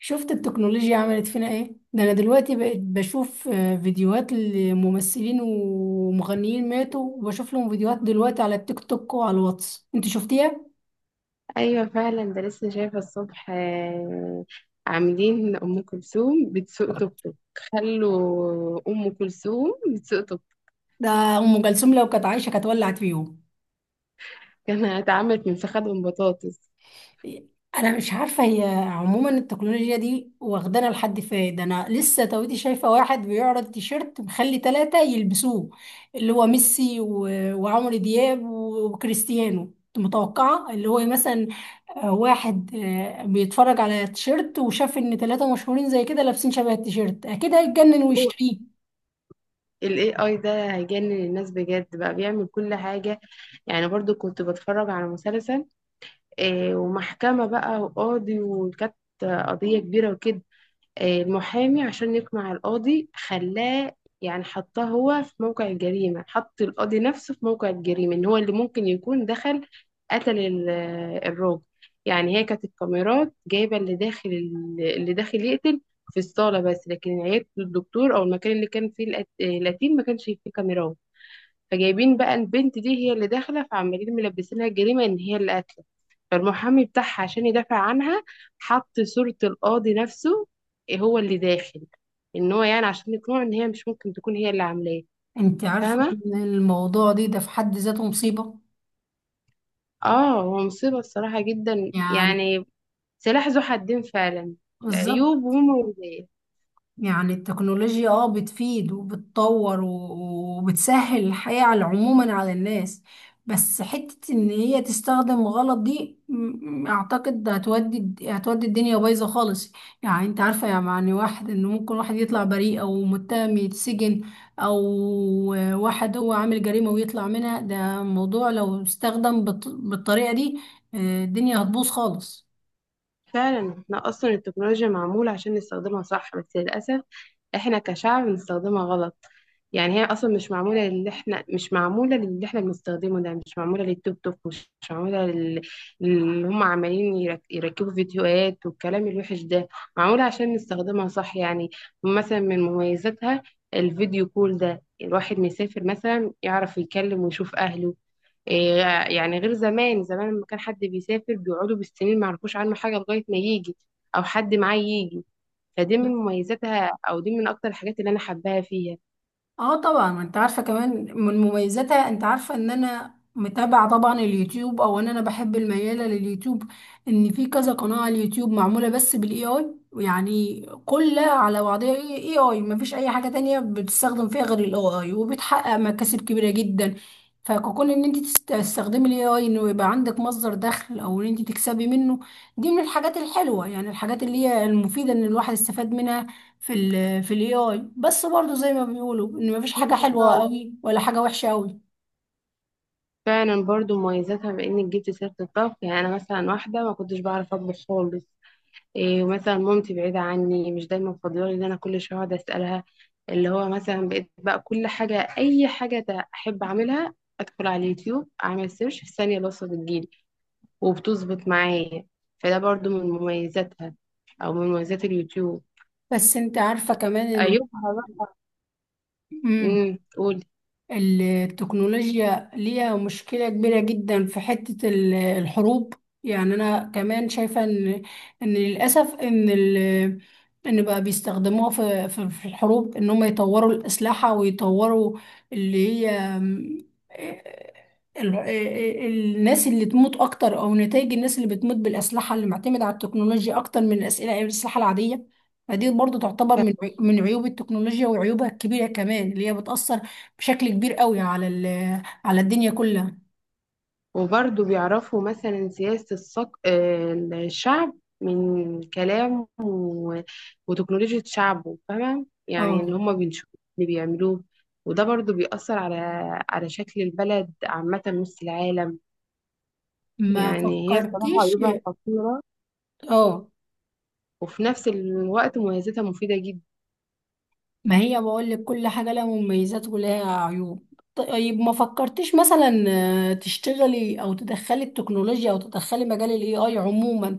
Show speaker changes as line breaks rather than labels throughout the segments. شفت التكنولوجيا عملت فينا ايه؟ ده انا دلوقتي بقيت بشوف فيديوهات لممثلين ومغنيين ماتوا، وبشوف لهم فيديوهات دلوقتي على التيك توك وعلى الواتس. انت شفتيها؟
ايوه فعلا، ده لسه شايفه الصبح عاملين ام كلثوم بتسوق توك توك. خلوا ام كلثوم بتسوق توك
ده ام كلثوم لو كانت عايشه كانت ولعت فيهم.
توك انا اتعملت من فخدهم بطاطس.
انا مش عارفه هي عموما التكنولوجيا دي واخدانا لحد فين. ده انا لسه تويتي شايفه واحد بيعرض تيشيرت مخلي ثلاثه يلبسوه، اللي هو ميسي و- وعمرو دياب وكريستيانو. كنت متوقعه اللي هو مثلا واحد بيتفرج على تيشيرت وشاف ان ثلاثة مشهورين زي كده لابسين شبه التيشيرت، اكيد هيتجنن
هو
ويشتريه.
الاي اي ده هيجنن الناس بجد، بقى بيعمل كل حاجه. يعني برضو كنت بتفرج على مسلسل ومحكمه بقى وقاضي، وكانت قضيه كبيره وكده. المحامي عشان يقنع القاضي خلاه يعني حطاه هو في موقع الجريمة، حط القاضي نفسه في موقع الجريمة ان هو اللي ممكن يكون دخل قتل الراجل. يعني هي كانت الكاميرات جايبة اللي داخل، اللي داخل يقتل في الصالة، بس لكن عيادة الدكتور او المكان اللي كان فيه القتيل ما كانش فيه كاميرات. فجايبين بقى البنت دي هي اللي داخله، فعمالين ملبسينها الجريمه ان هي اللي قاتله. فالمحامي بتاعها عشان يدافع عنها حط صوره القاضي نفسه، هو اللي داخل، ان هو يعني عشان يقنعه ان هي مش ممكن تكون هي اللي عاملاه.
انت عارفة
فاهمه.
ان الموضوع ده في حد ذاته مصيبة،
اه، هو مصيبه الصراحه جدا
يعني.
يعني. سلاح ذو حدين فعلا.
بالظبط،
عيوب ومميزات.
يعني التكنولوجيا اه بتفيد وبتطور و- وبتسهل الحياة على عموما على الناس، بس حتة ان هي تستخدم غلط دي اعتقد هتودي الدنيا بايظة خالص. يعني انت عارفة، يعني واحد انه ممكن واحد يطلع بريء او متهم يتسجن، او واحد هو عامل جريمة ويطلع منها، ده موضوع لو استخدم بالطريقة دي الدنيا هتبوظ خالص.
فعلا، احنا اصلا التكنولوجيا معمولة عشان نستخدمها صح، بس للأسف احنا كشعب بنستخدمها غلط. يعني هي اصلا مش معمولة للي احنا، مش معمولة للي احنا بنستخدمه ده. مش معمولة للتيك توك، مش معمولة اللي هم عمالين يركبوا فيديوهات والكلام الوحش ده. معمولة عشان نستخدمها صح يعني. مثلا من مميزاتها الفيديو كول ده، الواحد مسافر مثلا يعرف يكلم ويشوف أهله. إيه، يعني غير زمان. زمان لما كان حد بيسافر بيقعدوا بالسنين ما يعرفوش عنه حاجة لغاية ما يجي، أو حد معاه يجي. فدي من مميزاتها، أو دي من أكتر الحاجات اللي أنا حباها فيها.
اه طبعا، ما انت عارفه كمان من مميزاتها، انت عارفه ان انا متابعه طبعا اليوتيوب، او ان انا بحب المياله لليوتيوب، ان في كذا قناه على اليوتيوب معموله بس بالاي اي، يعني كلها على بعضها اي اي، ما فيش اي حاجه تانية بتستخدم فيها غير الاي اي، وبتحقق مكاسب كبيره جدا. فكون ان انت تستخدمي الاي اي انه يبقى عندك مصدر دخل، او ان انت تكسبي منه، دي من الحاجات الحلوه، يعني الحاجات اللي هي المفيده ان الواحد استفاد منها في ال في الاي اي. بس برضو زي ما بيقولوا ان مفيش حاجة
أيوة
حلوة
فعلا.
قوي ولا حاجة وحشة قوي.
فعلا برضو مميزاتها، بإنك جبت سيرة الطبخ. يعني أنا مثلا واحدة ما كنتش بعرف أطبخ خالص. إيه، مثلا مامتي بعيدة عني، مش دايما فاضية إن أنا كل شوية أقعد أسألها. اللي هو مثلا بقيت بقى كل حاجة، أي حاجة أحب أعملها أدخل على اليوتيوب أعمل سيرش، في ثانية الوصفة بتجيلي وبتظبط معايا. فده برضو من مميزاتها، او من مميزات اليوتيوب.
بس انت عارفة كمان ان
عيوبها بقى.
مم.
امم، قولي.
التكنولوجيا ليها مشكلة كبيرة جدا في حتة الحروب. يعني أنا كمان شايفة إن إن للأسف إن ال إن بقى بيستخدموها في الحروب، إن هم يطوروا الأسلحة ويطوروا اللي هي ال- ال- آه، الناس اللي تموت أكتر، أو نتائج الناس اللي بتموت بالأسلحة اللي معتمدة على التكنولوجيا أكتر من الأسئلة الأسلحة العادية. فدي برضو تعتبر من من عيوب التكنولوجيا وعيوبها الكبيرة كمان، اللي هي بتأثر بشكل كبير قوي على ال... على الدنيا كلها.
وبرضو بيعرفوا مثلا سياسة الصق... آه، الشعب من كلام و... وتكنولوجيا شعبه، فاهمة يعني اللي
اه،
هم بيشوفوا اللي بيعملوه. وده برضو بيأثر على على شكل البلد عامة، نص العالم.
ما
يعني هي صراحة
فكرتيش؟
عيوبها خطيرة،
اه،
وفي نفس الوقت مميزاتها مفيدة جدا.
ما هي بقول لك كل حاجة لها مميزات ولها عيوب. طيب ما فكرتيش مثلا تشتغلي او تدخلي التكنولوجيا او تدخلي مجال الاي اي عموما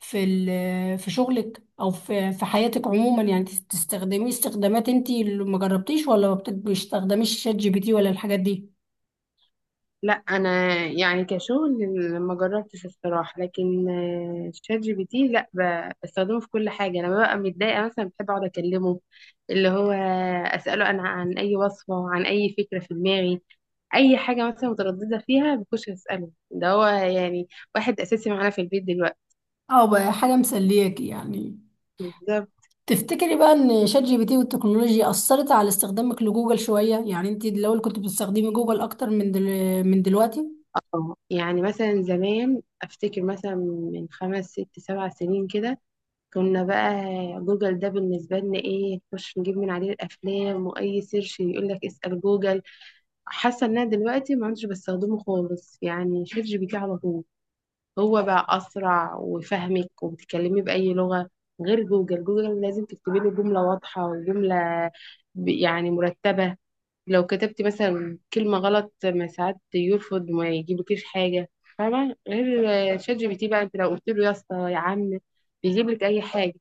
في في شغلك او في في حياتك عموما؟ يعني تستخدميه استخدامات. انتي اللي ما جربتيش ولا ما بتستخدميش شات جي بي تي ولا الحاجات دي؟
لا، انا يعني كشغل ما جربتش الصراحه، لكن شات جي بي تي لا، بستخدمه في كل حاجه. لما ببقى متضايقه مثلا بحب اقعد اكلمه، اللي هو اساله انا عن اي وصفه، عن اي فكره في دماغي، اي حاجه مثلا متردده فيها بخش اساله. ده هو يعني واحد اساسي معانا في البيت دلوقتي.
اه، بقى حاجة مسلياكي يعني.
بالظبط.
تفتكري بقى ان شات جي بي تي والتكنولوجيا اثرت على استخدامك لجوجل شويه؟ يعني انت الاول كنت بتستخدمي جوجل اكتر من دل... من دلوقتي.
اه، يعني مثلا زمان افتكر مثلا من خمس ست سبع سنين كده، كنا بقى جوجل ده بالنسبة لنا ايه؟ نخش نجيب من عليه الأفلام، وأي سيرش يقول لك اسأل جوجل. حاسة ان انا دلوقتي ما عدتش بستخدمه خالص، يعني شات جي بي تي على طول. هو بقى أسرع وفهمك وبتتكلمي بأي لغة. غير جوجل، جوجل لازم تكتبي له جملة واضحة وجملة يعني مرتبة. لو كتبتي مثلا كلمة غلط ما ساعات يرفض، ما يجيبلكيش حاجة. فاهمة؟ غير شات جي بي تي بقى، انت لو قلت له يا اسطى يا عم بيجيب لك أي حاجة.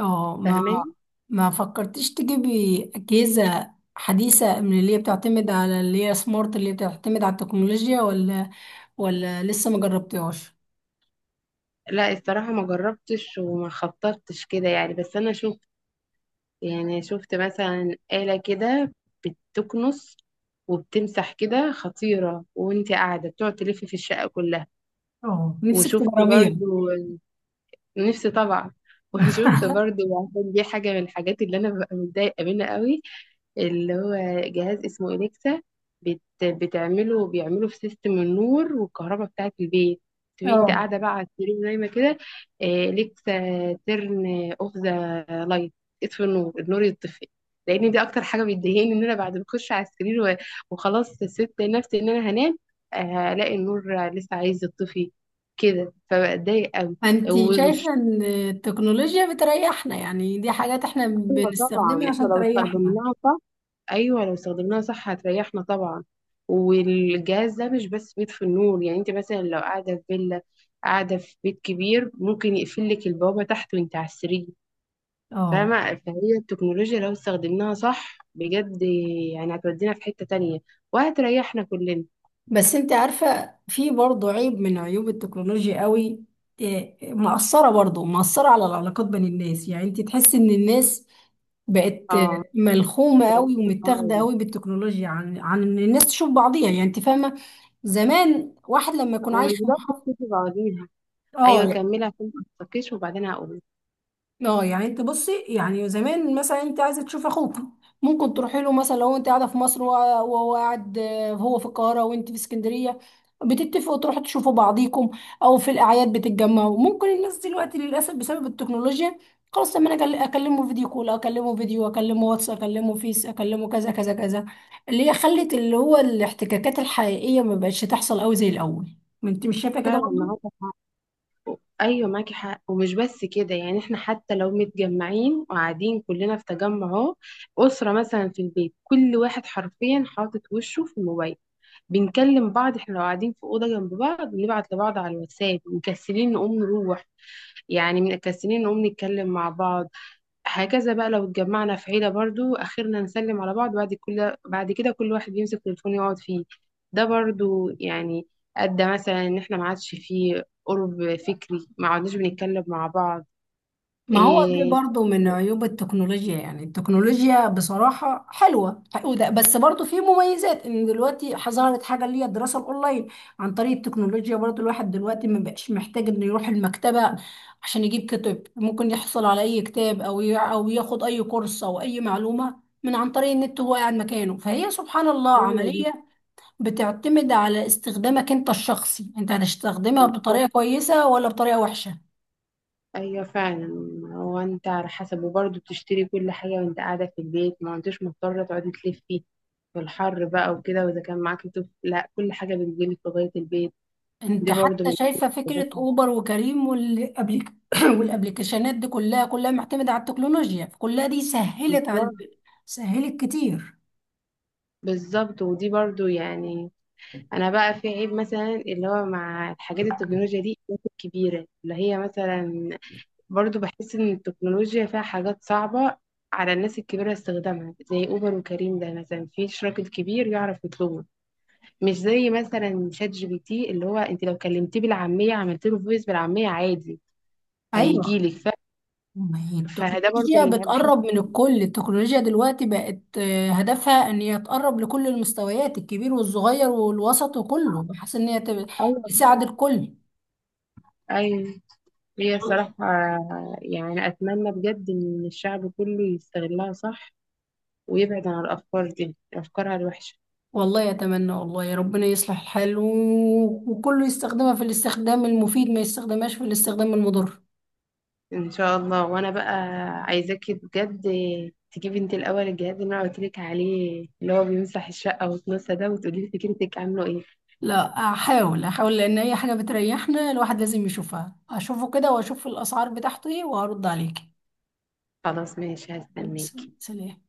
اه، ما
فاهماني.
ما فكرتيش تجيبي اجهزه حديثه من اللي هي بتعتمد على اللي هي سمارت، اللي هي بتعتمد على التكنولوجيا، ولا ولا لسه ما جربتيهاش؟
لا الصراحة ما جربتش وما خططتش كده يعني، بس أنا شفت، يعني شفت مثلا آلة كده بتكنس وبتمسح كده خطيرة، وانت قاعدة بتقعد تلف في الشقة كلها.
اه، نفسك
وشفت
تجربيها.
برضو، نفسي طبعا وشفت برضو، عشان دي حاجة من الحاجات اللي أنا ببقى متضايقة منها قوي، اللي هو جهاز اسمه إليكسا. بت... بتعمله بيعمله في سيستم النور والكهرباء بتاعة البيت. تبقي انت
اه،
قاعدة بقى على السرير نايمة كده، إليكسا، ترن اوف ذا لايت، اطفي النور، النور يطفي. لان دي اكتر حاجة بتضايقني، ان انا بعد ما اخش على السرير وخلاص سبت نفسي ان انا هنام، هلاقي النور لسه عايز يطفي كده، فبتضايق قوي.
انت
والمشكلة
شايفه ان التكنولوجيا بتريحنا؟ يعني دي حاجات احنا
طبعا
بنستخدمها
احنا
عشان
لو
تريحنا.
استخدمناها صح، ايوه لو استخدمناها صح هتريحنا طبعا. والجهاز ده مش بس بيطفي النور، يعني انت مثلا لو قاعده في فيلا، قاعده في بيت كبير، ممكن يقفل لك البوابه تحت وانت على السرير.
اه،
فاهمه؟ فهي التكنولوجيا لو استخدمناها صح بجد، يعني هتودينا في حته تانية، وهتريحنا كلنا.
بس انت عارفة في برضه عيب من عيوب التكنولوجيا قوي. إيه، مأثرة برضه مأثرة على العلاقات بين الناس، يعني انت تحس ان الناس بقت
اه.
ملخومة
هكمل
قوي
في الحوار
ومتاخدة
ده.
قوي بالتكنولوجيا عن عن ان الناس تشوف بعضيها. يعني انت فاهمة؟ زمان واحد لما يكون
ومش
عايش في
بس
محافظة.
تشوفي بعضيها. ايوه
اه،
كملي عشان ما تتفكيش، وبعدين هقول.
اه، يعني انت بصي، يعني زمان مثلا انت عايزه تشوف اخوك، ممكن تروحي له، مثلا لو انت قاعده في مصر، وهو وهو قاعد هو في القاهره وانت في اسكندريه، بتتفقوا تروحوا تشوفوا بعضيكم، او في الاعياد بتتجمعوا. ممكن الناس دلوقتي للاسف بسبب التكنولوجيا خلاص، لما انا اكلمه فيديو كول، اكلمه فيديو، اكلمه واتس، اكلمه فيس، اكلمه كذا كذا كذا، اللي هي خلت اللي هو الاحتكاكات الحقيقيه ما بقتش تحصل قوي زي الاول. ما انت مش شايفه كده
فعلا.
برضه؟
ايوه معاكي حق، ومش بس كده. يعني احنا حتى لو متجمعين وقاعدين كلنا في تجمع، اهو اسره مثلا في البيت، كل واحد حرفيا حاطط وشه في الموبايل. بنكلم بعض، احنا لو قاعدين في اوضه جنب بعض بنبعت لبعض على الواتساب، مكسلين نقوم نروح، يعني مكسلين نقوم نتكلم مع بعض. هكذا بقى لو اتجمعنا في عيلة برضو، آخرنا نسلم على بعض، بعد كل بعد كده كل واحد يمسك تليفون يقعد فيه. ده برضو يعني أدى مثلا إن إحنا ما عادش فيه قرب فكري، ما عدناش بنتكلم مع بعض.
ما هو دي
إيه.
برضو من عيوب التكنولوجيا. يعني التكنولوجيا بصراحة حلوة بس برضو في مميزات ان دلوقتي ظهرت حاجة اللي هي الدراسة الاونلاين عن طريق التكنولوجيا. برضو الواحد دلوقتي ما بقاش محتاج انه يروح المكتبة عشان يجيب كتب، ممكن يحصل على اي كتاب او او ياخد اي كورس او اي معلومة من عن طريق النت وهو قاعد مكانه. فهي سبحان الله
أيوة دي.
عملية بتعتمد على استخدامك انت الشخصي، انت هتستخدمها بطريقة كويسة ولا بطريقة وحشة.
أيوة فعلا. هو أنت على حسب. وبرضو بتشتري كل حاجة وأنت قاعدة في البيت، ما أنتش مضطرة تقعدي تلفي في الحر بقى وكده، وإذا كان معاكي طفل لا، كل حاجة بتجيلك لغاية البيت. دي
انت
برضو
حتى
من.
شايفه فكره اوبر وكريم والابليك والابليكيشنات دي كلها، كلها معتمده على التكنولوجيا، فكلها دي سهلت على، سهلت كتير.
بالظبط، ودي برضو يعني. انا بقى في عيب مثلا اللي هو مع الحاجات التكنولوجيا دي ممكن كبيره، اللي هي مثلا برضو بحس ان التكنولوجيا فيها حاجات صعبه على الناس الكبيره استخدامها. زي اوبر وكريم ده مثلا، في اشراك الكبير يعرف يطلبه؟ مش زي مثلا شات جي بي تي اللي هو انت لو كلمتيه بالعاميه عملت له فويس بالعاميه عادي هيجي
ايوه،
لك ف...
ما هي
فده برضو
التكنولوجيا
من عيب بحس.
بتقرب من الكل، التكنولوجيا دلوقتي بقت هدفها ان هي تقرب لكل المستويات، الكبير والصغير والوسط وكله، بحيث ان هي
ايوه
تساعد
طبعاً.
الكل.
ايوه. هي صراحه يعني اتمنى بجد ان الشعب كله يستغلها صح، ويبعد عن الأفكار دي أفكارها الوحشة.
والله اتمنى، والله يا ربنا يصلح الحال و... وكله يستخدمها في الاستخدام المفيد، ما يستخدمهاش في الاستخدام المضر.
إن شاء الله. وأنا بقى عايزاكي بجد تجيبي أنت الأول الجهاز اللي أنا قلتلك عليه اللي هو بيمسح الشقة وتنسى ده، وتقولي لي فكرتك عامله إيه.
لا، احاول لان اي حاجه بتريحنا الواحد لازم يشوفها، اشوفه كده واشوف الاسعار بتاعته ايه وهرد عليكي.
خلاص ماشي،
يلا،
هستناكي.
سلام.